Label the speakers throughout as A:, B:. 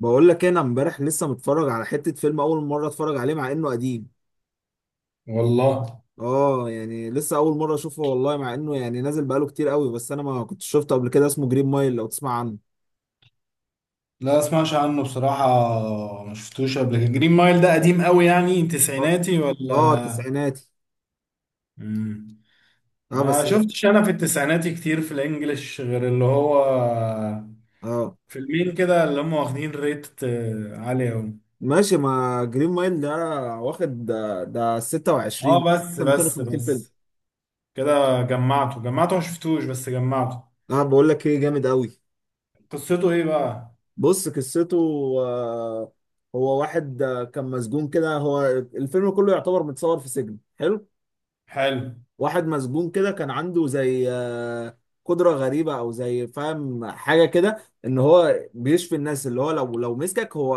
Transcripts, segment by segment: A: بقول لك إيه، انا امبارح لسه متفرج على حتة فيلم اول مرة اتفرج عليه مع انه قديم.
B: والله.
A: اه يعني لسه اول مرة اشوفه والله مع انه يعني نازل بقاله كتير قوي بس انا ما كنتش شفته قبل كده. اسمه جرين مايل، لو تسمع عنه.
B: لا اسمعش عنه بصراحة. ما شفتوش قبل كده. جرين مايل ده قديم قوي، يعني
A: اه.
B: تسعيناتي
A: اه
B: ولا؟
A: تسعيناتي.
B: مم.
A: اه
B: ما
A: بس هو-
B: شفتش انا في التسعيناتي كتير في الانجليش، غير اللي هو
A: اه
B: فيلمين كده اللي هم واخدين ريت عالي قوي.
A: ماشي. ما جرين مايل ده واخد ده، ده 26،
B: اه، بس
A: احسن
B: بس
A: 250 فيلم.
B: بس كده، جمعته جمعته، ما شفتوش بس جمعته.
A: اه بقول لك ايه، جامد قوي.
B: قصته ايه بقى؟
A: بص قصته. آه، هو واحد كان مسجون كده. هو الفيلم كله يعتبر متصور في سجن. حلو.
B: حلو.
A: واحد مسجون كده، كان عنده زي قدرة غريبة او زي فاهم حاجة كده، ان هو بيشفي الناس. اللي هو لو مسكك هو،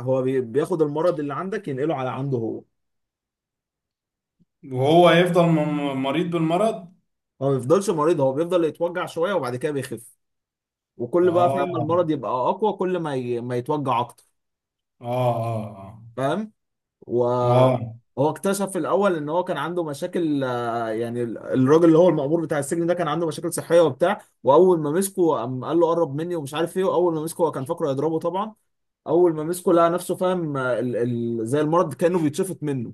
A: هو بياخد المرض اللي عندك ينقله على عنده هو.
B: وهو يفضل مريض بالمرض.
A: هو ما بيفضلش مريض، هو بيفضل يتوجع شوية وبعد كده بيخف. وكل بقى فاهم
B: اه،
A: المرض يبقى اقوى، كل ما ما يتوجع اكتر.
B: اه، اه،
A: فاهم.
B: اه،
A: وهو
B: آه.
A: اكتشف في الاول ان هو كان عنده مشاكل. يعني الراجل اللي هو المأمور بتاع السجن ده كان عنده مشاكل صحيه وبتاع. واول ما مسكه قام قال له قرب مني ومش عارف ايه، واول ما مسكه هو كان فاكره يضربه طبعا. اول ما مسكه لقى نفسه فاهم، زي المرض كانه بيتشفط منه.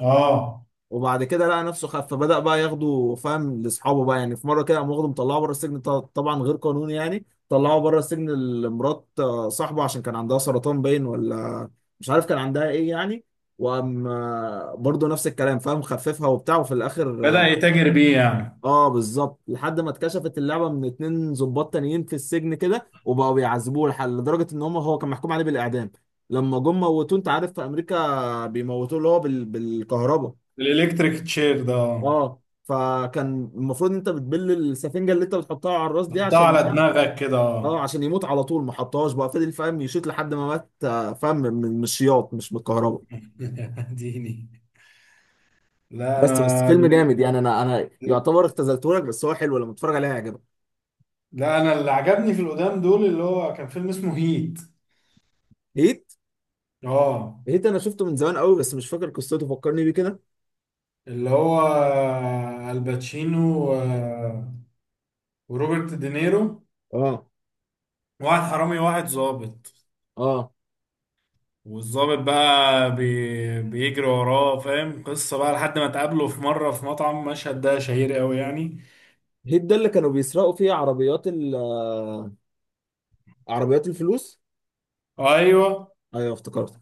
B: اه،
A: وبعد كده لقى نفسه خف، فبدأ بقى ياخده فاهم لاصحابه بقى. يعني في مره كده قام واخده مطلعه بره السجن، طبعا غير قانوني. يعني طلعه بره السجن لمرات صاحبه عشان كان عندها سرطان باين، ولا مش عارف كان عندها ايه يعني. وقام برضه نفس الكلام فاهم، خففها وبتاع. وفي الاخر
B: بدأ
A: اه
B: يتاجر بيه يعني.
A: بالظبط، لحد ما اتكشفت اللعبه من اتنين ضباط تانيين في السجن كده، وبقوا بيعذبوه لحد لدرجه ان هم. هو كان محكوم عليه بالاعدام، لما جم موتوه. انت عارف في امريكا بيموتوه اللي هو بالكهرباء.
B: الالكتريك تشير ده، آه.
A: اه، فكان المفروض انت بتبل السفنجه اللي انت بتحطها على الراس دي
B: حطها
A: عشان.
B: على دماغك كده،
A: اه
B: آه.
A: عشان يموت على طول. ما حطهاش بقى، فضل فاهم يشوط لحد ما مات فاهم من من الشياط مش من الكهرباء.
B: ديني. لا
A: بس
B: انا.
A: بس فيلم جامد يعني. انا يعتبر اختزلته لك، بس هو حلو لما تتفرج عليه هيعجبك.
B: لا، انا اللي عجبني في القدام دول اللي هو كان فيلم اسمه هيت.
A: هيت.
B: اه،
A: هيت انا شفته من زمان قوي بس مش فاكر قصته، فكرني بيه كده.
B: اللي هو الباتشينو وروبرت دينيرو.
A: اه.
B: واحد حرامي واحد ظابط.
A: اه
B: والظابط بقى بيجري وراه، فاهم؟ قصة بقى لحد ما تقابله في مرة في مطعم. مشهد ده شهير قوي يعني.
A: هيت ده اللي كانوا بيسرقوا فيه عربيات ال آه، عربيات الفلوس.
B: ايوه.
A: ايوه افتكرت.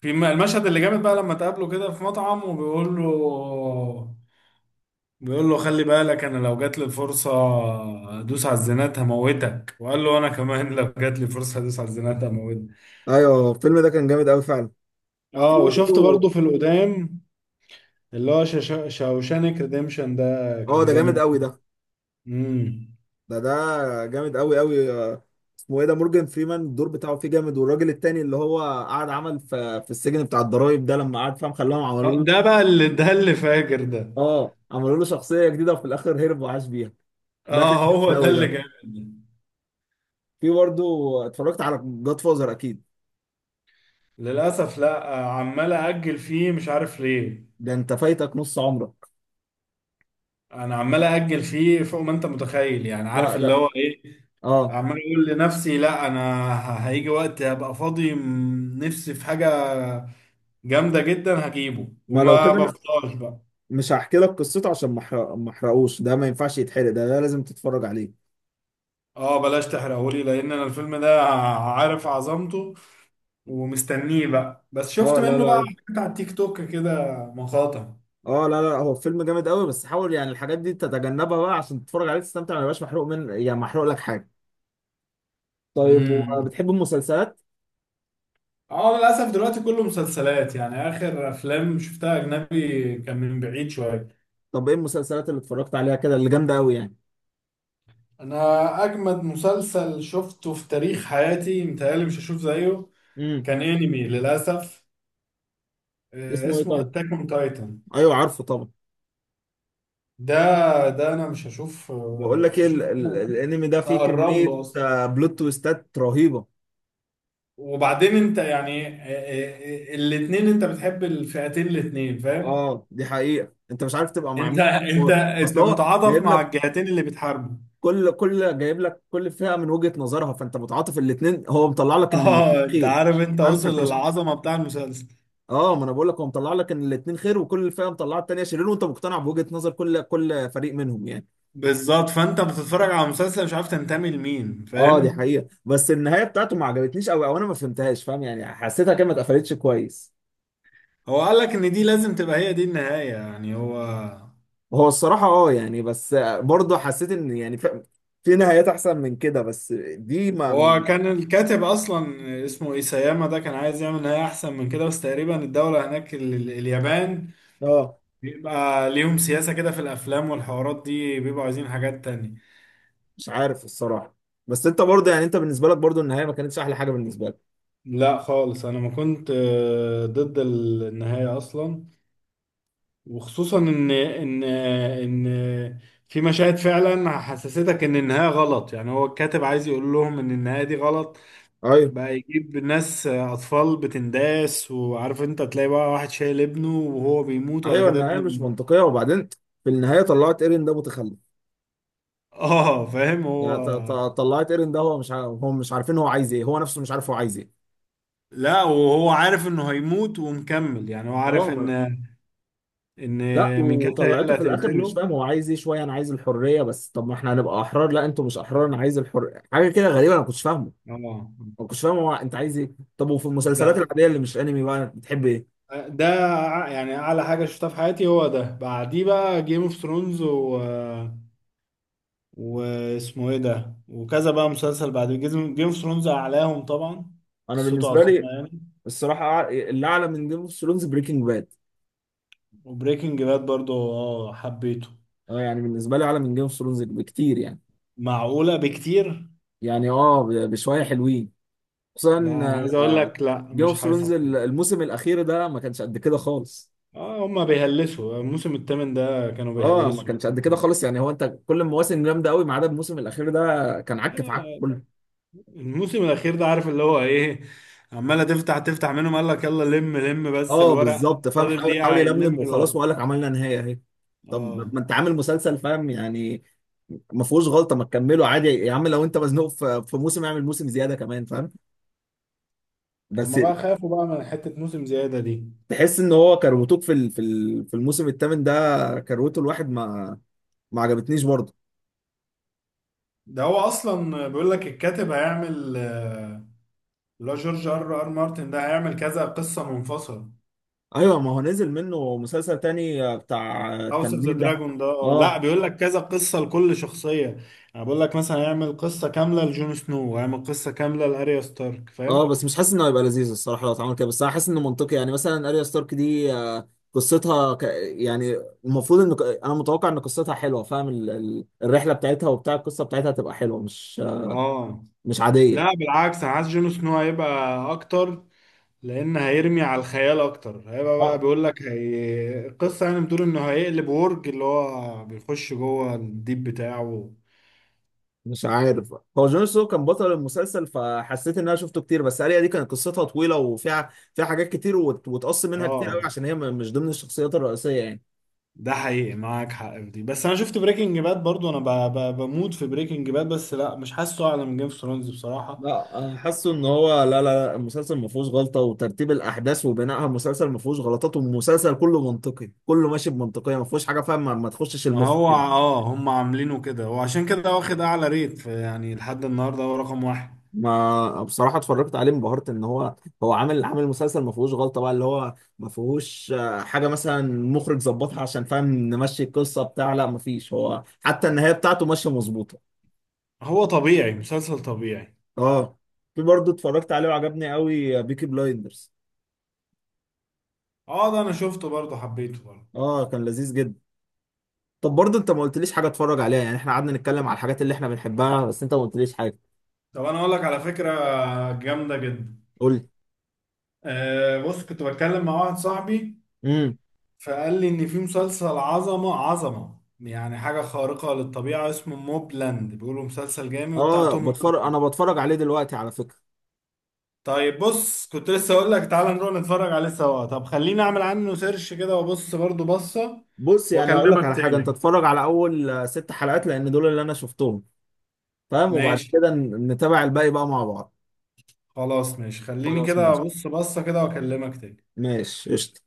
B: في المشهد اللي جامد بقى لما تقابله كده في مطعم، وبيقول له، بيقول له: خلي بالك، انا لو جات لي الفرصه ادوس على الزنات هموتك. وقال له: انا كمان لو جات لي فرصه ادوس على الزنات هموتك.
A: ايوه الفيلم ده كان جامد قوي فعلا. في
B: اه، وشفت برضو
A: برضه.
B: في القدام، اللي هو شاوشانك ريديمشن ده،
A: اه
B: كان
A: ده جامد
B: جامد.
A: قوي ده.
B: امم.
A: ده ده جامد قوي قوي. اسمه ايه ده؟ مورجان فريمان الدور بتاعه فيه جامد. والراجل التاني اللي هو قعد عمل في في السجن بتاع الضرايب ده، لما قعد فاهم خلاهم عملوا له.
B: ده بقى اللي ده اللي فاجر ده.
A: اه عملوا له شخصيه جديده وفي الاخر هرب وعاش بيها. ده كان
B: اه، هو
A: جامد
B: ده
A: قوي
B: اللي
A: ده.
B: جامد ده.
A: في برضه اتفرجت على جاد فازر اكيد.
B: للاسف لا، عمال اجل فيه مش عارف ليه.
A: ده انت فايتك نص عمرك.
B: انا عمال اجل فيه فوق ما انت متخيل، يعني
A: لا
B: عارف اللي
A: لا.
B: هو ايه.
A: اه
B: عمال اقول لنفسي: لا انا هيجي وقت هبقى فاضي، نفسي في حاجه جامده جدا هجيبه،
A: ما لو
B: وما
A: كده أنا
B: بفضلش بقى.
A: مش هحكي لك قصته عشان ما احرقوش. ده ما ينفعش يتحرق، ده، ده لازم تتفرج عليه.
B: اه، بلاش تحرقهولي، لان انا الفيلم ده عارف عظمته، ومستنيه بقى. بس شفت
A: اه لا
B: منه بقى
A: لا.
B: حاجات على التيك توك كده، مقاطع.
A: اه لا لا، هو فيلم جامد قوي، بس حاول يعني الحاجات دي تتجنبها بقى عشان تتفرج عليه تستمتع، ما يبقاش محروق من يعني محروق لك حاجه. طيب
B: امم.
A: وبتحب المسلسلات؟
B: اه، للاسف دلوقتي كله مسلسلات، يعني اخر افلام شفتها اجنبي كان من بعيد شويه.
A: طب ايه المسلسلات اللي اتفرجت عليها كده اللي جامده قوي يعني؟
B: انا اجمد مسلسل شفته في تاريخ حياتي، متهيألي مش هشوف زيه.
A: امم.
B: كان انمي للاسف.
A: اسمه ايه
B: اسمه
A: طيب؟
B: اتاك اون تايتن.
A: ايوه عارفه طبعا.
B: ده ده انا مش هشوف،
A: بقول لك ايه
B: حاجة.
A: الانمي ده فيه
B: اقرب
A: كميه
B: له اصلا.
A: بلوت تويستات رهيبه.
B: وبعدين انت يعني، الاتنين، انت بتحب الفئتين الاتنين، فاهم؟
A: اه دي حقيقه، انت مش عارف تبقى مع
B: انت
A: مين.
B: انت
A: اصل
B: انت
A: هو
B: متعاطف
A: جايب
B: مع
A: لك.
B: الجهتين اللي بتحاربوا.
A: كل جايب لك كل فئه من وجهه نظرها، فانت متعاطف الاثنين. هو مطلع لك ان الاثنين
B: اه، انت
A: خير.
B: عارف، انت
A: فاهم فانت
B: وصل
A: مش
B: للعظمه بتاع المسلسل.
A: اه ما انا بقول لك هو مطلع لك ان الاثنين خير، وكل فئه مطلعه الثانيه شرير، وانت مقتنع بوجهه نظر كل فريق منهم يعني.
B: بالظبط، فانت بتتفرج على مسلسل مش عارف تنتمي لمين،
A: اه دي
B: فاهم؟
A: حقيقه. بس النهايه بتاعته ما عجبتنيش قوي، او انا ما فهمتهاش فاهم يعني. حسيتها كده ما اتقفلتش كويس.
B: هو قال لك ان دي لازم تبقى هي دي النهاية، يعني هو.
A: هو الصراحه اه يعني. بس برضه حسيت ان يعني في نهايات احسن من كده، بس دي ما.
B: هو كان الكاتب اصلا اسمه ايساياما، ده كان عايز يعمل نهاية احسن من كده، بس تقريبا الدولة هناك، اليابان،
A: اه
B: بيبقى ليهم سياسة كده في الافلام والحوارات دي، بيبقوا عايزين حاجات تانية.
A: مش عارف الصراحه. بس انت برضه يعني انت بالنسبه لك برضه النهايه ما كانتش احلى حاجه بالنسبه لك.
B: لا خالص، انا ما كنت ضد النهاية اصلا. وخصوصا ان في مشاهد فعلا حسستك ان النهاية غلط، يعني هو الكاتب عايز يقول لهم ان النهاية دي غلط.
A: ايوه.
B: بقى يجيب ناس اطفال بتنداس، وعارف انت تلاقي بقى واحد شايل ابنه وهو بيموت، وبعد
A: ايوه
B: كده
A: النهايه
B: ابنه
A: مش
B: بي-
A: منطقيه. وبعدين في النهايه طلعت ايرين ده متخلف.
B: اه فاهم
A: يعني
B: هو.
A: طلعت ايرن ده هو مش ع- هو مش عارفين هو عايز ايه، هو نفسه مش عارف هو عايز ايه.
B: لا، وهو عارف انه هيموت ومكمل، يعني هو
A: اه
B: عارف ان
A: ما...
B: ان
A: لا
B: ميكاسا هي
A: وطلعته
B: اللي
A: في الاخر مش
B: هتقتله.
A: فاهم هو عايز ايه شويه. انا عايز الحريه، بس طب ما احنا هنبقى احرار. لا انتوا مش احرار، انا عايز الحريه. حاجه كده غريبه انا ما كنتش فاهمه.
B: اه.
A: ما كنتش فاهم هو انت عايز ايه. طب وفي
B: ده
A: المسلسلات العاديه اللي مش انمي بقى بتحب ايه؟
B: ده يعني اعلى حاجه شفتها في حياتي هو ده. بعديه بقى جيم اوف ثرونز. واسمه ايه ده، وكذا بقى مسلسل بعد جيم اوف ثرونز اعلاهم طبعا.
A: انا
B: قصته
A: بالنسبه
B: عظيمه
A: لي
B: يعني.
A: الصراحه اللي اعلى من جيم اوف ثرونز بريكنج باد.
B: وبريكنج باد برضو، اه، حبيته.
A: اه يعني بالنسبه لي اعلى من جيم اوف ثرونز بكتير يعني.
B: معقولة بكتير؟
A: يعني اه بشويه حلوين. خصوصا
B: لا، انا عايز اقول
A: آه،
B: لك، لا
A: جيم
B: مش
A: اوف ثرونز
B: حاسس كده.
A: الموسم الاخير ده ما كانش قد كده خالص.
B: اه، هما بيهلسوا. الموسم الثامن ده كانوا
A: اه ما
B: بيهلسوا.
A: كانش قد كده
B: لا،
A: خالص يعني. هو انت كل المواسم جامده قوي ما عدا الموسم الاخير ده كان
B: لا،
A: عك في عك
B: لا،
A: كله.
B: الموسم الاخير ده، عارف اللي هو ايه؟ عمالة تفتح تفتح منهم، قال لك: يلا لم لم بس
A: اه
B: الورق
A: بالظبط فاهم،
B: فاضل
A: حاول
B: دقيقة، هنلم
A: يلملم وخلاص،
B: الورق.
A: وقال لك عملنا نهايه اهي.
B: اه،
A: طب ما انت عامل مسلسل فاهم يعني، ما فيهوش غلطه. ما تكمله عادي يا عم، لو انت مزنوق في موسم اعمل موسم زياده كمان فاهم. بس
B: هما بقى خافوا بقى من حتة موسم زيادة دي.
A: تحس ان هو كروتوك في الموسم الثامن ده كروته الواحد ما ما عجبتنيش برضه.
B: ده هو اصلا بيقول لك الكاتب هيعمل، اللي هو جورج ار ار مارتن، ده هيعمل كذا قصه منفصله.
A: ايوه ما هو نزل منه مسلسل تاني بتاع
B: هاوس اوف ذا
A: التنانين ده.
B: دراجون ده، اه لا،
A: اه.
B: بيقول لك كذا قصه لكل شخصيه. يعني بيقول لك مثلا هيعمل قصه كامله لجون سنو، وهيعمل قصه كامله لاريا ستارك،
A: اه
B: فاهم؟
A: بس مش حاسس انه هيبقى لذيذ الصراحه لو اتعمل كده. بس انا حاسس انه منطقي يعني. مثلا اريا ستارك دي قصتها يعني المفروض ان انا متوقع ان قصتها حلوه فاهم. الرحله بتاعتها وبتاع القصه بتاعتها هتبقى حلوه، مش
B: اه،
A: مش
B: لا
A: عاديه.
B: بالعكس، انا عايز جون سنو هيبقى اكتر، لان هيرمي على الخيال اكتر. هيبقى بقى
A: آه.
B: بيقول لك هي القصه، يعني بتقول انه هيقلب ورج اللي هو بيخش جوه الديب بتاعه.
A: مش عارف، هو جون سنو كان بطل المسلسل فحسيت ان انا شفته كتير. بس اريا دي كانت قصتها طويله وفيها حاجات كتير، وتقص منها كتير قوي
B: اه،
A: عشان هي مش ضمن الشخصيات الرئيسيه يعني.
B: ده حقيقي، معاك حق في دي. بس انا شفت بريكنج باد برضو، انا بموت في بريكنج باد، بس لا مش حاسه اعلى من جيم اوف ثرونز بصراحه.
A: لا انا حاسه ان هو لا لا لا، المسلسل ما فيهوش غلطه، وترتيب الاحداث وبنائها المسلسل ما فيهوش غلطات، والمسلسل كله منطقي كله ماشي بمنطقيه، ما فيهوش حاجه فاهم ما تخشش
B: ما
A: المخ
B: هو
A: كده.
B: هم عاملينه كده، وعشان كده واخد اعلى ريت، يعني لحد النهارده هو رقم واحد.
A: ما بصراحه اتفرجت عليه انبهرت ان هو، هو عامل مسلسل ما فيهوش غلطه بقى، اللي هو ما فيهوش حاجه مثلا مخرج ظبطها عشان فاهم نمشي القصه بتاع، لا ما فيش، هو حتى النهايه بتاعته ماشيه مظبوطه.
B: هو طبيعي، مسلسل طبيعي.
A: اه في برضه اتفرجت عليه وعجبني قوي بيكي بلايندرز.
B: اه، ده انا شفته برضه، حبيته برضه.
A: اه كان لذيذ جدا. طب برضه انت ما قلتليش حاجه اتفرج عليها يعني. احنا قعدنا نتكلم على الحاجات اللي احنا بنحبها بس انت ما قلتليش حاجه.
B: طب انا اقول لك على فكره، جامده جدا.
A: قول لي.
B: آه، بص كنت بتكلم مع واحد صاحبي،
A: امم.
B: فقال لي ان في مسلسل عظمه عظمه، يعني حاجه خارقه للطبيعه، اسمه موبلاند، بيقولوا مسلسل جامد وبتاع
A: اه
B: توم.
A: بتفرج، انا بتفرج عليه دلوقتي على فكره.
B: طيب، بص كنت لسه اقول لك تعالى نروح نتفرج عليه سوا. طب خليني اعمل عنه سيرش كده، وابص برضو بصة،
A: بص يعني هقول لك
B: واكلمك
A: على حاجه، انت
B: تاني.
A: اتفرج على اول ست حلقات لان دول اللي انا شفتهم فاهم. وبعد
B: ماشي.
A: كده نتابع الباقي بقى مع بعض.
B: خلاص ماشي، خليني
A: خلاص
B: كده
A: ماشي.
B: ابص بصة كده، واكلمك تاني.
A: ماشي قشطه.